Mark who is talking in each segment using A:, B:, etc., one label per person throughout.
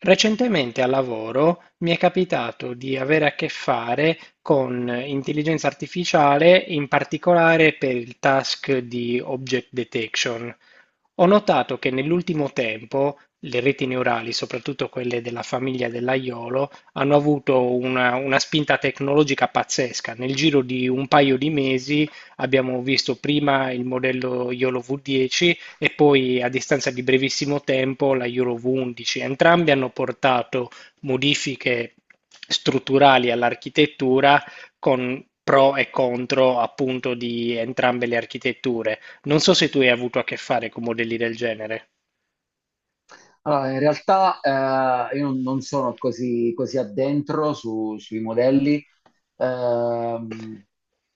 A: Recentemente al lavoro mi è capitato di avere a che fare con intelligenza artificiale, in particolare per il task di object detection. Ho notato che nell'ultimo tempo le reti neurali, soprattutto quelle della famiglia dell'aiolo, hanno avuto una spinta tecnologica pazzesca. Nel giro di un paio di mesi abbiamo visto prima il modello YOLO V10 e poi a distanza di brevissimo tempo la Euro V11. Entrambi hanno portato modifiche strutturali all'architettura con pro e contro appunto di entrambe le architetture. Non so se tu hai avuto a che fare con modelli del genere.
B: Allora, in realtà io non sono così addentro sui modelli. Ehm,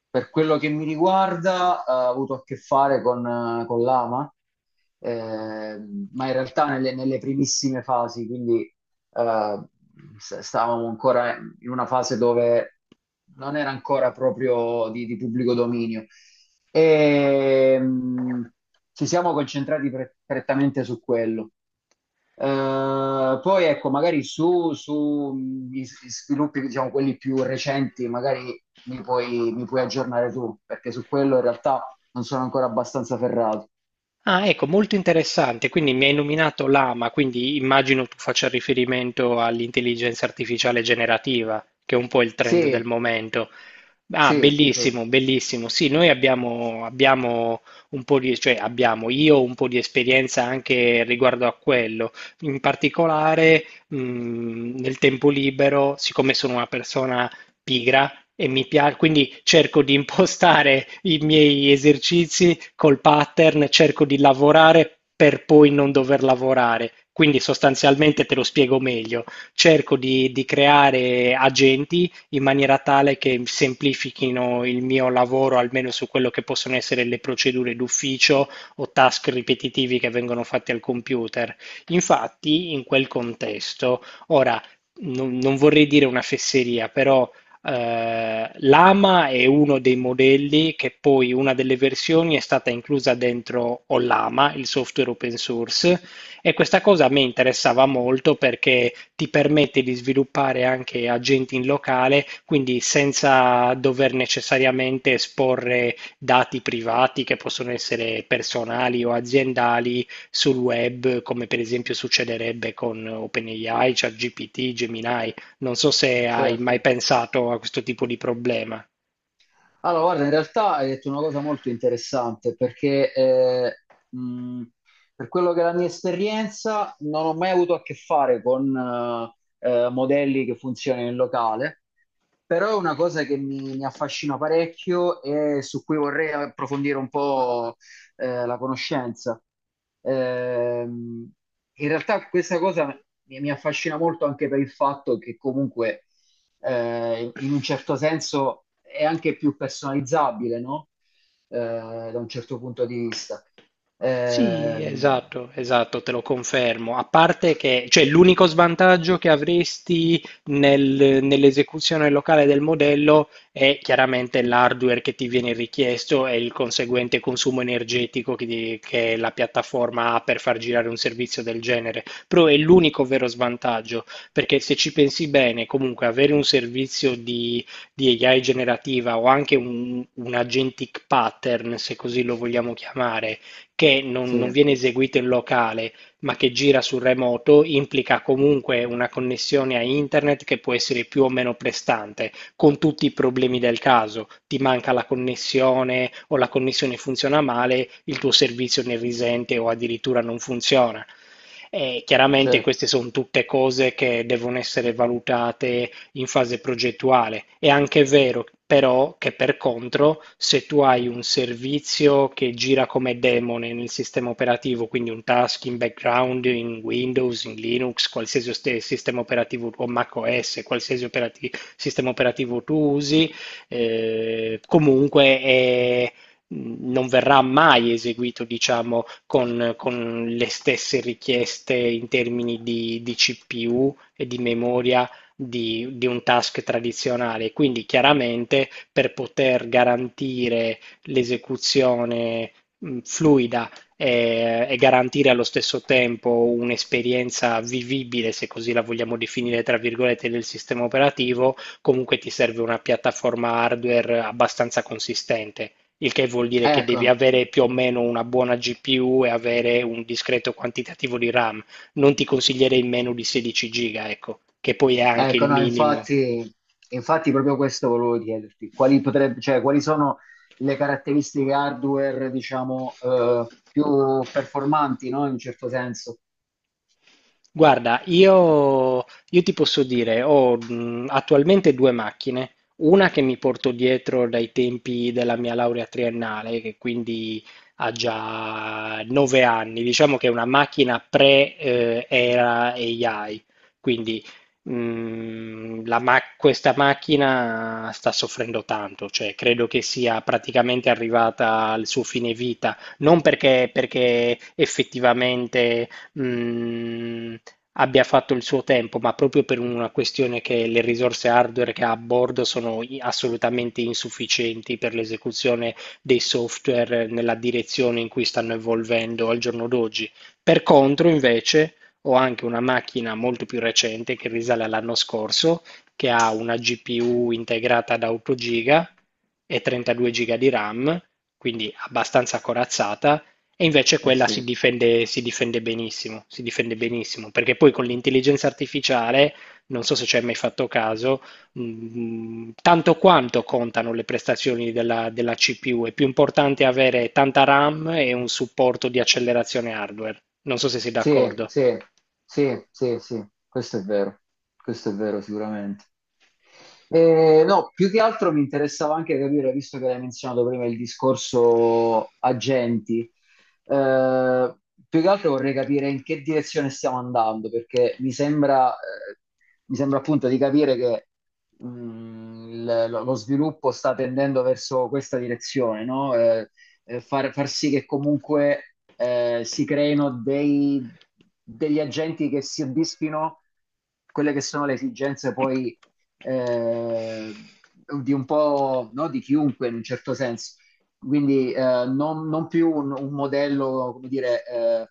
B: per quello che mi riguarda, ho avuto a che fare con l'AMA, ma in realtà nelle primissime fasi, quindi eh, stavamo ancora in una fase dove non era ancora proprio di pubblico dominio. E, mm, Ci siamo concentrati prettamente su quello. Poi ecco, magari su gli sviluppi, diciamo, quelli più recenti, magari mi puoi aggiornare tu, perché su quello in realtà non sono ancora abbastanza ferrato.
A: Ah, ecco, molto interessante. Quindi mi hai nominato l'AMA, quindi immagino tu faccia riferimento all'intelligenza artificiale generativa, che è un po' il trend del
B: Sì,
A: momento. Ah,
B: sì, sì,
A: bellissimo, bellissimo. Sì, noi abbiamo un po' di, cioè abbiamo io un po' di esperienza anche riguardo a quello. In particolare, nel tempo libero, siccome sono una persona pigra e mi piace, quindi cerco di impostare i miei esercizi col pattern, cerco di lavorare per poi non dover lavorare. Quindi sostanzialmente te lo spiego meglio. Cerco di creare agenti in maniera tale che semplifichino il mio lavoro, almeno su quello che possono essere le procedure d'ufficio o task ripetitivi che vengono fatti al computer. Infatti, in quel contesto, ora non vorrei dire una fesseria, però l'AMA è uno dei modelli che poi una delle versioni è stata inclusa dentro Ollama, il software open source, e questa cosa a me interessava molto perché ti permette di sviluppare anche agenti in locale, quindi senza dover necessariamente esporre dati privati che possono essere personali o aziendali sul web, come per esempio succederebbe con OpenAI, ChatGPT, Gemini. Non so se hai mai
B: certo.
A: pensato a questo tipo di problema.
B: Allora, guarda, in realtà hai detto una cosa molto interessante, perché mh, per quello che è la mia esperienza, non ho mai avuto a che fare con modelli che funzionano in locale. Però è una cosa che mi affascina parecchio e su cui vorrei approfondire un po' la conoscenza. Ehm, In realtà questa cosa mi affascina molto anche per il fatto che comunque in un certo senso è anche più personalizzabile, no? Eh, da un certo punto di vista.
A: Sì,
B: Ehm,
A: esatto, esatto, te lo confermo. A parte che, cioè, l'unico svantaggio che avresti nell'esecuzione locale del modello è chiaramente l'hardware che ti viene richiesto e il conseguente consumo energetico che, che la piattaforma ha per far girare un servizio del genere. Però è l'unico vero svantaggio, perché se ci pensi bene, comunque avere un servizio di AI generativa o anche un agentic pattern, se così lo vogliamo chiamare, che non,
B: sì,
A: non viene eseguito in locale, ma che gira sul remoto, implica comunque una connessione a internet che può essere più o meno prestante, con tutti i problemi del caso. Ti manca la connessione o la connessione funziona male, il tuo servizio ne risente o addirittura non funziona. E chiaramente
B: certo.
A: queste sono tutte cose che devono essere valutate in fase progettuale. È anche vero però che per contro, se tu hai un servizio che gira come demone nel sistema operativo, quindi un task in background, in Windows, in Linux, qualsiasi sistema operativo o macOS, qualsiasi sistema operativo tu usi, comunque non verrà mai eseguito, diciamo, con le stesse richieste in termini di CPU e di memoria di un task tradizionale. Quindi chiaramente per poter garantire l'esecuzione fluida e garantire allo stesso tempo un'esperienza vivibile, se così la vogliamo definire, tra virgolette, del sistema operativo, comunque ti serve una piattaforma hardware abbastanza consistente. Il che vuol dire che devi
B: Ecco.
A: avere più o meno una buona GPU e avere un discreto quantitativo di RAM, non ti consiglierei meno di 16 giga, ecco, che poi è anche
B: Ecco,
A: il
B: no,
A: minimo.
B: infatti, infatti proprio questo volevo chiederti, quali, potrebbe, cioè, quali sono le caratteristiche hardware, diciamo, più performanti, no? In un certo senso.
A: Guarda, io ti posso dire, ho attualmente due macchine, una che mi porto dietro dai tempi della mia laurea triennale, che quindi ha già 9 anni, diciamo che è una macchina pre-era AI, quindi questa macchina sta soffrendo tanto, cioè credo che sia praticamente arrivata al suo fine vita, non perché effettivamente mh, abbia fatto il suo tempo, ma proprio per una questione che le risorse hardware che ha a bordo sono assolutamente insufficienti per l'esecuzione dei software nella direzione in cui stanno evolvendo al giorno d'oggi. Per contro, invece, ho anche una macchina molto più recente che risale all'anno scorso, che ha una GPU integrata da 8 GB e 32 GB di RAM, quindi abbastanza corazzata, e invece
B: Eh
A: quella
B: sì,
A: si difende benissimo, perché poi con l'intelligenza artificiale, non so se ci hai mai fatto caso, tanto quanto contano le prestazioni della CPU, è più importante avere tanta RAM e un supporto di accelerazione hardware. Non so se sei
B: sì,
A: d'accordo.
B: sì, sì, sì, sì, questo è vero sicuramente. No, più che altro mi interessava anche capire, visto che l'hai menzionato prima il discorso agenti, eh, più che altro vorrei capire in che direzione stiamo andando, perché mi sembra appunto di capire che lo, lo sviluppo sta tendendo verso questa direzione, no? Far sì che comunque si creino degli agenti che si soddisfino quelle che sono le esigenze poi eh, di un po' no, di chiunque in un certo senso. Quindi non più un modello, come dire, eh,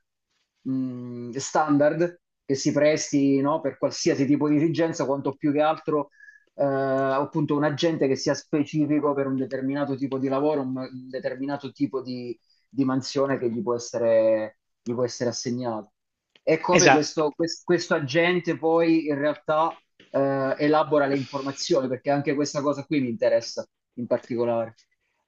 B: mh, standard che si presti no, per qualsiasi tipo di dirigenza, quanto più che altro appunto un agente che sia specifico per un determinato tipo di lavoro, un determinato tipo di mansione che gli può essere assegnato. E come
A: Esatto.
B: questo, questo agente poi in realtà elabora le informazioni, perché anche questa cosa qui mi interessa in particolare.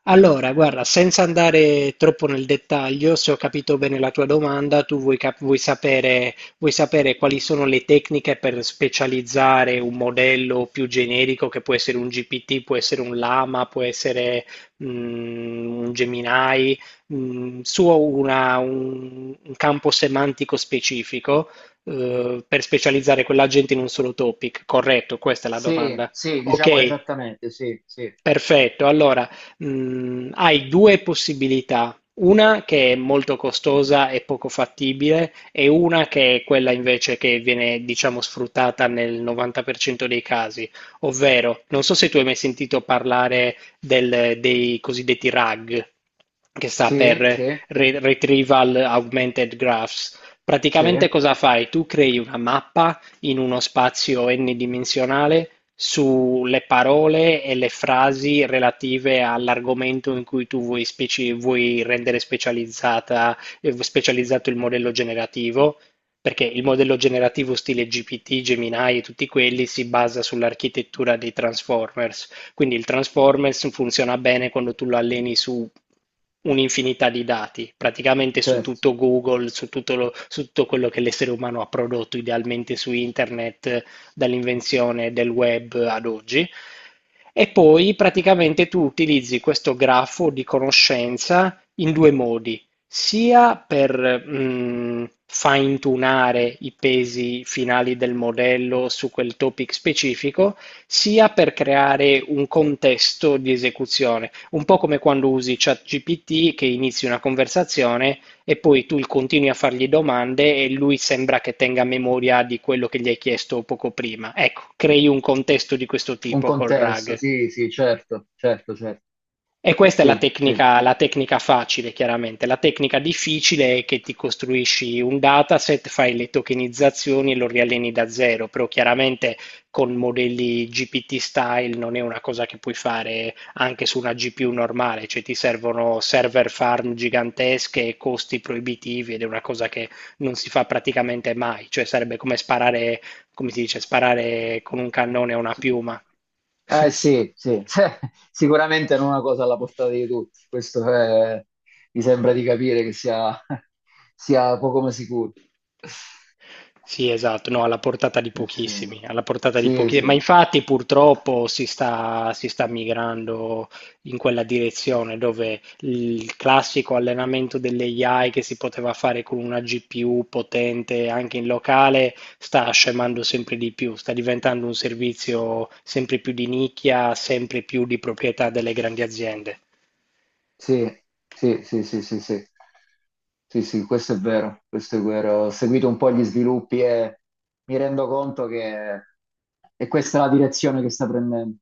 A: Allora, guarda, senza andare troppo nel dettaglio, se ho capito bene la tua domanda, tu vuoi sapere quali sono le tecniche per specializzare un modello più generico che può essere un GPT, può essere un Lama, può essere un Gemini, un campo semantico specifico, per specializzare quell'agente in un solo topic. Corretto, questa è la
B: Sì,
A: domanda.
B: sì, diciamo
A: Ok.
B: esattamente, sì, sì,
A: Perfetto, allora, hai due possibilità, una che è molto costosa e poco fattibile e una che è quella invece che viene, diciamo, sfruttata nel 90% dei casi, ovvero, non so se tu hai mai sentito parlare dei cosiddetti RAG, che sta
B: sì,
A: per
B: sì, sì,
A: Retrieval Augmented Graphs.
B: sì,
A: Praticamente cosa fai? Tu crei una mappa in uno spazio n-dimensionale sulle parole e le frasi relative all'argomento in cui tu vuoi rendere specializzata, specializzato il modello generativo, perché il modello generativo stile GPT, Gemini e tutti quelli si basa sull'architettura dei Transformers. Quindi il Transformers funziona bene quando tu lo alleni su un'infinità di dati, praticamente su
B: certo.
A: tutto Google, su tutto quello che l'essere umano ha prodotto idealmente su internet, dall'invenzione del web ad oggi. E poi praticamente tu utilizzi questo grafo di conoscenza in due modi, sia per fine-tunare i pesi finali del modello su quel topic specifico, sia per creare un contesto di esecuzione, un po' come quando usi ChatGPT che inizi una conversazione e poi tu continui a fargli domande e lui sembra che tenga memoria di quello che gli hai chiesto poco prima. Ecco, crei un contesto di questo
B: Un
A: tipo col
B: contesto,
A: RAG.
B: sì, sì, certo, certo, certo,
A: E questa è
B: sì, sì.
A: la tecnica facile, chiaramente. La tecnica difficile è che ti costruisci un dataset, fai le tokenizzazioni e lo rialleni da zero, però chiaramente con modelli GPT style non è una cosa che puoi fare anche su una GPU normale, cioè ti servono server farm gigantesche e costi proibitivi ed è una cosa che non si fa praticamente mai, cioè sarebbe come sparare, come si dice, sparare con un cannone a una piuma.
B: Eh sì, sì, sicuramente non è una cosa alla portata di tutti, mi sembra di capire che sia, sia poco ma sicuro.
A: Sì, esatto, no, alla portata di
B: Sì,
A: pochissimi, alla portata di
B: sì,
A: pochi, ma
B: sì.
A: infatti purtroppo si sta migrando in quella direzione dove il classico allenamento delle AI che si poteva fare con una GPU potente anche in locale sta scemando sempre di più, sta diventando un servizio sempre più di nicchia, sempre più di proprietà delle grandi aziende.
B: Sì, sì, sì, sì, sì, sì. Sì, sì, questo è vero, questo è vero. Ho seguito un po' gli sviluppi e mi rendo conto che è questa la direzione che sta prendendo.